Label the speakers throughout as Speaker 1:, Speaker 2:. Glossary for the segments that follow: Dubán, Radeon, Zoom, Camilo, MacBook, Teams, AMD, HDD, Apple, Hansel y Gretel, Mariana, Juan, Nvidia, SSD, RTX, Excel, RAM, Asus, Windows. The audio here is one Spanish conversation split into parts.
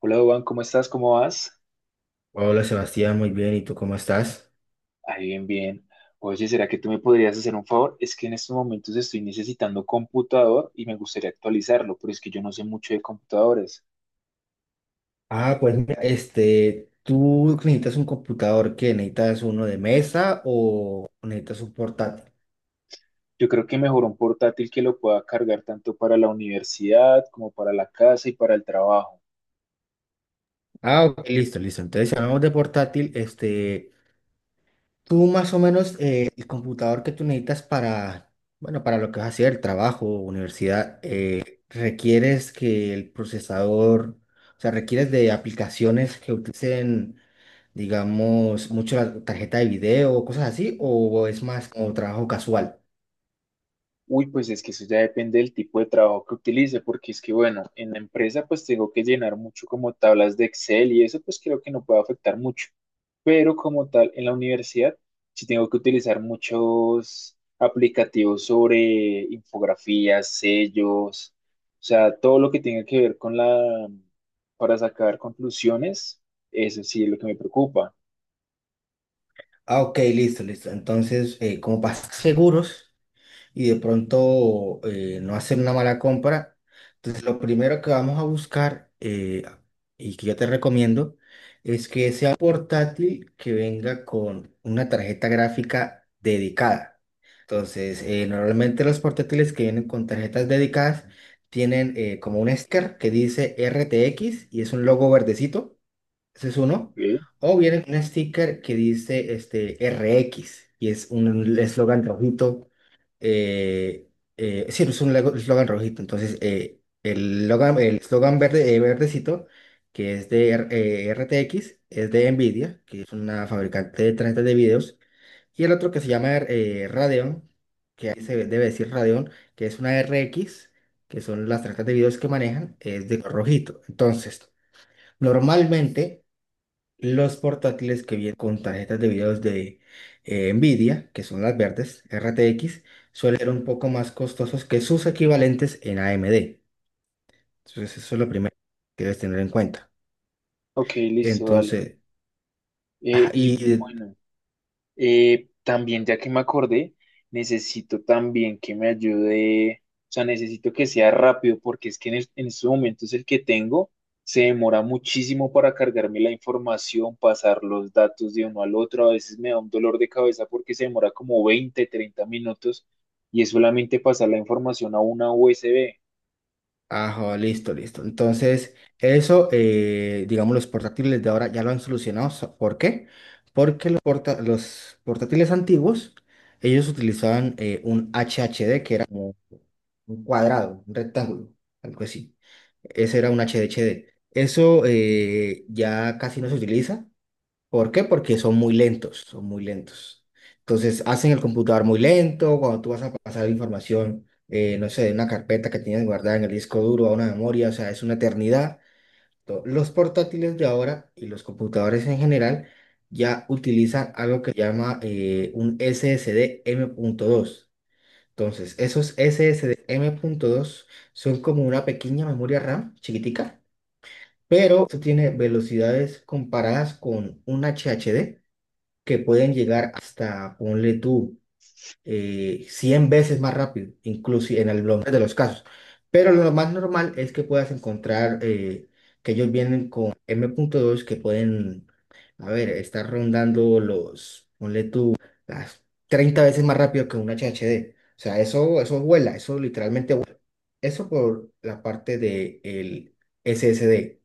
Speaker 1: Hola, Dubán, ¿cómo estás? ¿Cómo vas?
Speaker 2: Hola Sebastián, muy bien. ¿Y tú cómo estás?
Speaker 1: Ahí bien, bien. Oye, ¿será que tú me podrías hacer un favor? Es que en estos momentos estoy necesitando computador y me gustaría actualizarlo, pero es que yo no sé mucho de computadores.
Speaker 2: Ah, pues mira, este, ¿tú necesitas un computador que necesitas uno de mesa o necesitas un portátil?
Speaker 1: Yo creo que mejor un portátil que lo pueda cargar tanto para la universidad como para la casa y para el trabajo.
Speaker 2: Ah, ok, listo, listo. Entonces, si hablamos de portátil, este, tú más o menos el computador que tú necesitas para, bueno, para lo que vas a hacer, trabajo, universidad, requieres que el procesador, o sea, requieres de aplicaciones que utilicen, digamos, mucho la tarjeta de video o cosas así, o es más como trabajo casual.
Speaker 1: Uy, pues es que eso ya depende del tipo de trabajo que utilice, porque es que, bueno, en la empresa pues tengo que llenar mucho como tablas de Excel y eso pues creo que no puede afectar mucho. Pero como tal, en la universidad sí tengo que utilizar muchos aplicativos sobre infografías, sellos, o sea, todo lo que tenga que ver con la, para sacar conclusiones, eso sí es lo que me preocupa.
Speaker 2: Ah, ok, listo, listo. Entonces, como para estar seguros. Y de pronto no hacer una mala compra. Entonces, lo primero que vamos a buscar y que yo te recomiendo es que sea portátil que venga con una tarjeta gráfica dedicada. Entonces, normalmente los portátiles que vienen con tarjetas dedicadas tienen como un sticker que dice RTX y es un logo verdecito. Ese es uno.
Speaker 1: Ok.
Speaker 2: O viene un sticker que dice este R X y es un eslogan rojito. Eh, sí, es un eslogan rojito. Entonces, el el eslogan verde, verdecito, que es de R T X es de Nvidia, que es una fabricante de tarjetas de videos. Y el otro que se llama Radeon, que ahí se debe decir Radeon, que es una R X que son las tarjetas de videos que manejan, es de color rojito. Entonces, normalmente. Los portátiles que vienen con tarjetas de videos de Nvidia, que son las verdes, RTX, suelen ser un poco más costosos que sus equivalentes en AMD. Entonces, eso es lo primero que debes tener en cuenta.
Speaker 1: Ok, listo, dale.
Speaker 2: Entonces, ah,
Speaker 1: Eh, y
Speaker 2: y.
Speaker 1: bueno. También, ya que me acordé, necesito también que me ayude, o sea, necesito que sea rápido porque es que en estos momentos el que tengo se demora muchísimo para cargarme la información, pasar los datos de uno al otro, a veces me da un dolor de cabeza porque se demora como 20 30 minutos y es solamente pasar la información a una USB.
Speaker 2: Ajá, listo, listo. Entonces, eso, digamos, los portátiles de ahora ya lo han solucionado. ¿Por qué? Porque los portátiles antiguos, ellos utilizaban un HHD, que era como un cuadrado, un rectángulo, algo así. Ese era un HDHD. Eso ya casi no se utiliza. ¿Por qué? Porque son muy lentos, son muy lentos. Entonces, hacen el computador muy lento, cuando tú vas a pasar información, no sé, de una carpeta que tienes guardada en el disco duro a una memoria, o sea, es una eternidad. Los portátiles de ahora y los computadores en general ya utilizan algo que se llama un SSD dos. Entonces, esos SSD dos son como una pequeña memoria RAM chiquitica, pero esto tiene velocidades comparadas con un HDD que pueden llegar hasta, ponle tú, 100 veces más rápido, inclusive en algunos de los casos. Pero lo más normal es que puedas encontrar que ellos vienen con M.2 que pueden, a ver, estar rondando los, ponle tú, las 30 veces más rápido que un H H D. O sea, eso vuela, eso literalmente vuela. Eso por la parte del S S D.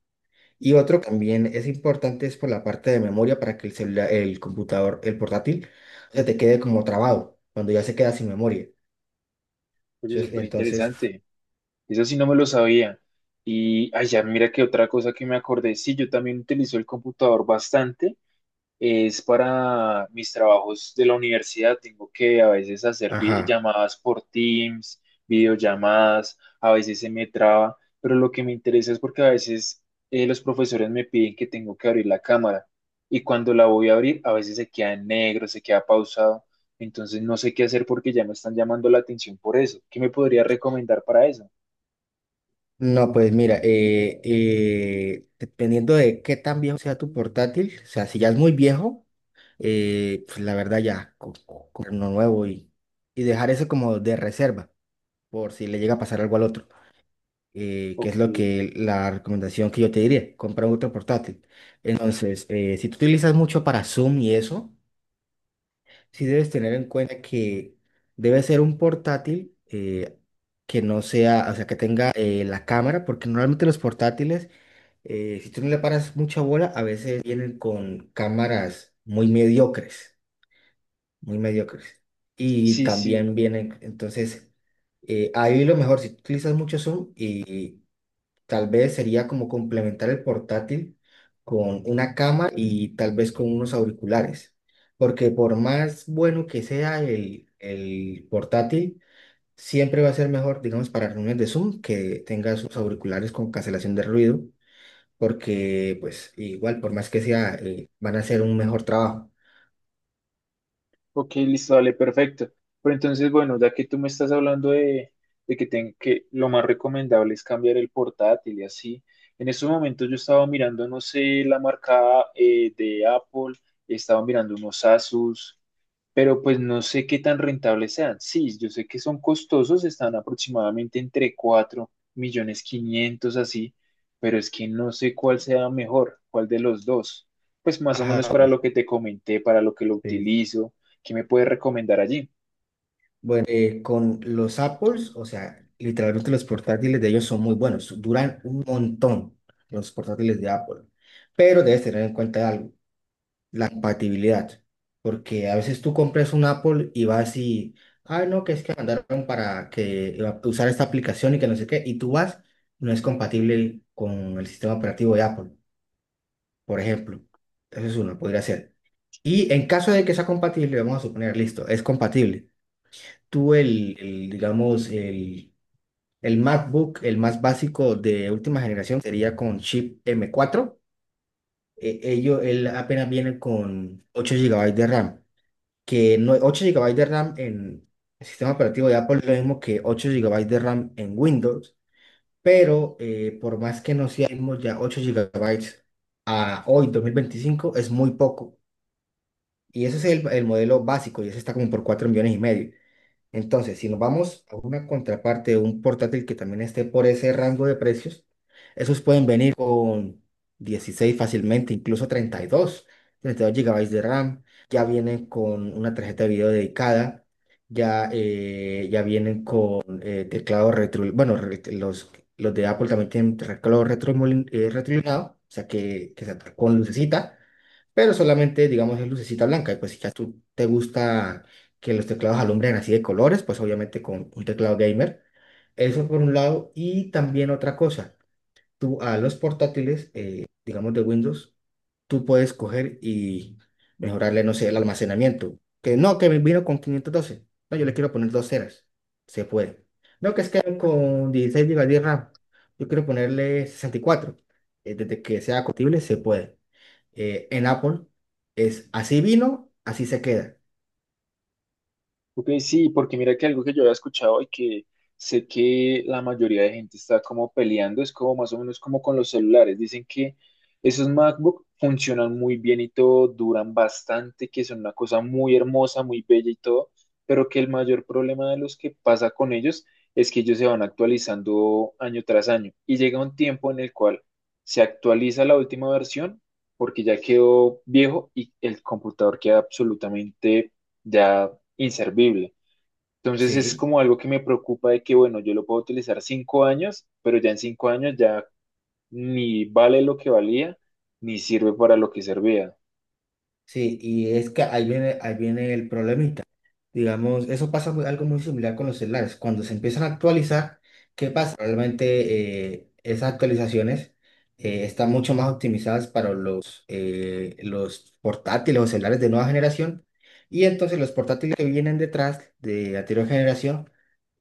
Speaker 2: Y otro también es importante es por la parte de memoria para que el celular, el computador, el portátil, se te quede como trabado cuando ya se queda sin memoria.
Speaker 1: Oye,
Speaker 2: Entonces,
Speaker 1: súper
Speaker 2: entonces,
Speaker 1: interesante. Eso sí no me lo sabía. Y allá, mira que otra cosa que me acordé, sí, yo también utilizo el computador bastante es para mis trabajos de la universidad. Tengo que a veces hacer
Speaker 2: ajá.
Speaker 1: llamadas por Teams, videollamadas, a veces se me traba, pero lo que me interesa es porque a veces los profesores me piden que tengo que abrir la cámara y cuando la voy a abrir, a veces se queda en negro, se queda pausado. Entonces no sé qué hacer porque ya me están llamando la atención por eso. ¿Qué me podría recomendar para eso?
Speaker 2: No, pues mira, dependiendo de qué tan viejo sea tu portátil, o sea, si ya es muy viejo, pues la verdad ya comprar uno nuevo y dejar eso como de reserva por si le llega a pasar algo al otro. Que es
Speaker 1: Ok.
Speaker 2: lo que la recomendación que yo te diría, compra otro portátil. Entonces, si tú utilizas mucho para Zoom y eso, sí debes tener en cuenta que debe ser un portátil que no sea, o sea, que tenga la cámara, porque normalmente los portátiles, si tú no le paras mucha bola, a veces vienen con cámaras muy mediocres, muy mediocres. Y
Speaker 1: Sí,
Speaker 2: también
Speaker 1: sí.
Speaker 2: vienen, entonces, ahí lo mejor, si tú utilizas mucho Zoom y tal vez sería como complementar el portátil con una cama y tal vez con unos auriculares, porque por más bueno que sea el portátil, siempre va a ser mejor, digamos, para reuniones de Zoom que tenga sus auriculares con cancelación de ruido, porque pues igual, por más que sea, van a hacer un mejor trabajo.
Speaker 1: Ok, listo, dale, perfecto. Pero entonces, bueno, ya que tú me estás hablando de que, que lo más recomendable es cambiar el portátil y así, en estos momentos yo estaba mirando, no sé, la marca de Apple, estaba mirando unos Asus, pero pues no sé qué tan rentables sean. Sí, yo sé que son costosos, están aproximadamente entre 4.500.000 así, pero es que no sé cuál sea mejor, cuál de los dos. Pues más o menos
Speaker 2: Ajá.
Speaker 1: para lo que te comenté, para lo que lo
Speaker 2: Sí,
Speaker 1: utilizo, ¿qué me puedes recomendar allí?
Speaker 2: bueno, con los Apples, o sea, literalmente los portátiles de ellos son muy buenos, duran un montón los portátiles de Apple, pero debes tener en cuenta algo, la compatibilidad, porque a veces tú compras un Apple y vas y, ah, no, que es que mandaron para que iba a usar esta aplicación y que no sé qué, y tú vas, no es compatible con el sistema operativo de Apple, por ejemplo, eso es uno, podría ser. Y en caso de que sea compatible, vamos a suponer, listo, es compatible tú digamos, el MacBook, el más básico de última generación, sería con chip M4. Él apenas viene con 8 GB de RAM, que no, 8 GB de RAM en el sistema operativo de Apple es lo mismo que 8 GB de RAM en Windows, pero por más que no seamos ya 8 GB a hoy, 2025 es muy poco. Y ese es el modelo básico y ese está como por 4,5 millones. Entonces, si nos vamos a una contraparte de un portátil que también esté por ese rango de precios, esos pueden venir con 16 fácilmente, incluso 32 GB de RAM, ya vienen con una tarjeta de video dedicada, ya, ya vienen con teclado retro, bueno, los de Apple también tienen teclado retro retroiluminado, o sea que se con lucecita pero solamente, digamos, es lucecita blanca. Y pues si ya tú te gusta que los teclados alumbren así de colores, pues obviamente con un teclado gamer. Eso por un lado. Y también otra cosa, tú a los portátiles, digamos de Windows, tú puedes coger y mejorarle, no sé, el almacenamiento. Que no, que me vino con 512, no, yo le quiero poner 2 teras. Se puede. No, que es que con 16 gigas de RAM. Yo quiero ponerle 64. Desde que sea compatible, se puede. En Apple es así vino, así se queda.
Speaker 1: Ok, sí, porque mira que algo que yo había escuchado y que sé que la mayoría de gente está como peleando es como más o menos como con los celulares. Dicen que esos MacBook funcionan muy bien y todo, duran bastante, que son una cosa muy hermosa, muy bella y todo, pero que el mayor problema de los que pasa con ellos es que ellos se van actualizando año tras año y llega un tiempo en el cual se actualiza la última versión porque ya quedó viejo y el computador queda absolutamente ya inservible. Entonces es
Speaker 2: Sí.
Speaker 1: como algo que me preocupa de que, bueno, yo lo puedo utilizar 5 años, pero ya en 5 años ya ni vale lo que valía, ni sirve para lo que servía.
Speaker 2: Sí, y es que ahí viene el problema. Digamos, eso pasa algo muy similar con los celulares. Cuando se empiezan a actualizar, ¿qué pasa? Realmente esas actualizaciones están mucho más optimizadas para los portátiles o celulares de nueva generación. Y entonces los portátiles que vienen detrás de anterior generación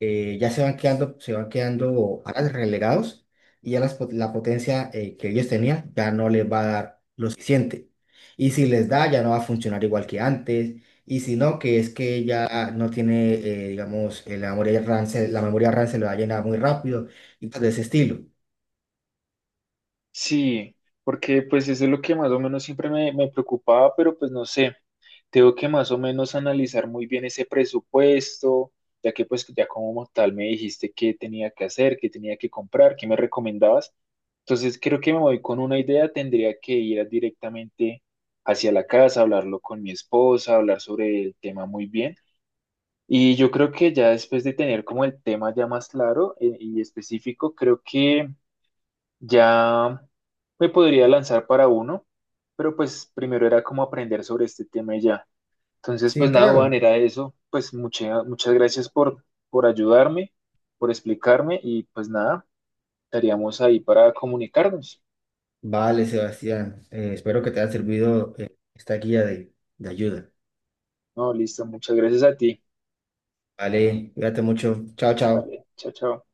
Speaker 2: ya se van quedando atrás, relegados y ya las la potencia que ellos tenían ya no les va a dar lo suficiente. Y si les da, ya no va a funcionar igual que antes y si no, que es que ella no tiene, digamos, la memoria RAM, la memoria RAM se le va a llenar muy rápido y cosas de ese estilo.
Speaker 1: Sí, porque pues eso es lo que más o menos siempre me preocupaba, pero pues no sé, tengo que más o menos analizar muy bien ese presupuesto, ya que pues ya como tal me dijiste qué tenía que hacer, qué tenía que comprar, qué me recomendabas. Entonces creo que me voy con una idea, tendría que ir directamente hacia la casa, hablarlo con mi esposa, hablar sobre el tema muy bien. Y yo creo que ya después de tener como el tema ya más claro y específico, creo que ya me podría lanzar para uno, pero pues primero era como aprender sobre este tema y ya. Entonces, pues
Speaker 2: Sí,
Speaker 1: nada, Juan,
Speaker 2: claro.
Speaker 1: era eso. Pues muchas gracias por ayudarme, por explicarme y pues nada, estaríamos ahí para comunicarnos.
Speaker 2: Vale, Sebastián. Espero que te haya servido, esta guía de ayuda.
Speaker 1: No, listo, muchas gracias a ti.
Speaker 2: Vale, cuídate mucho. Chao, chao.
Speaker 1: Vale, chao, chao.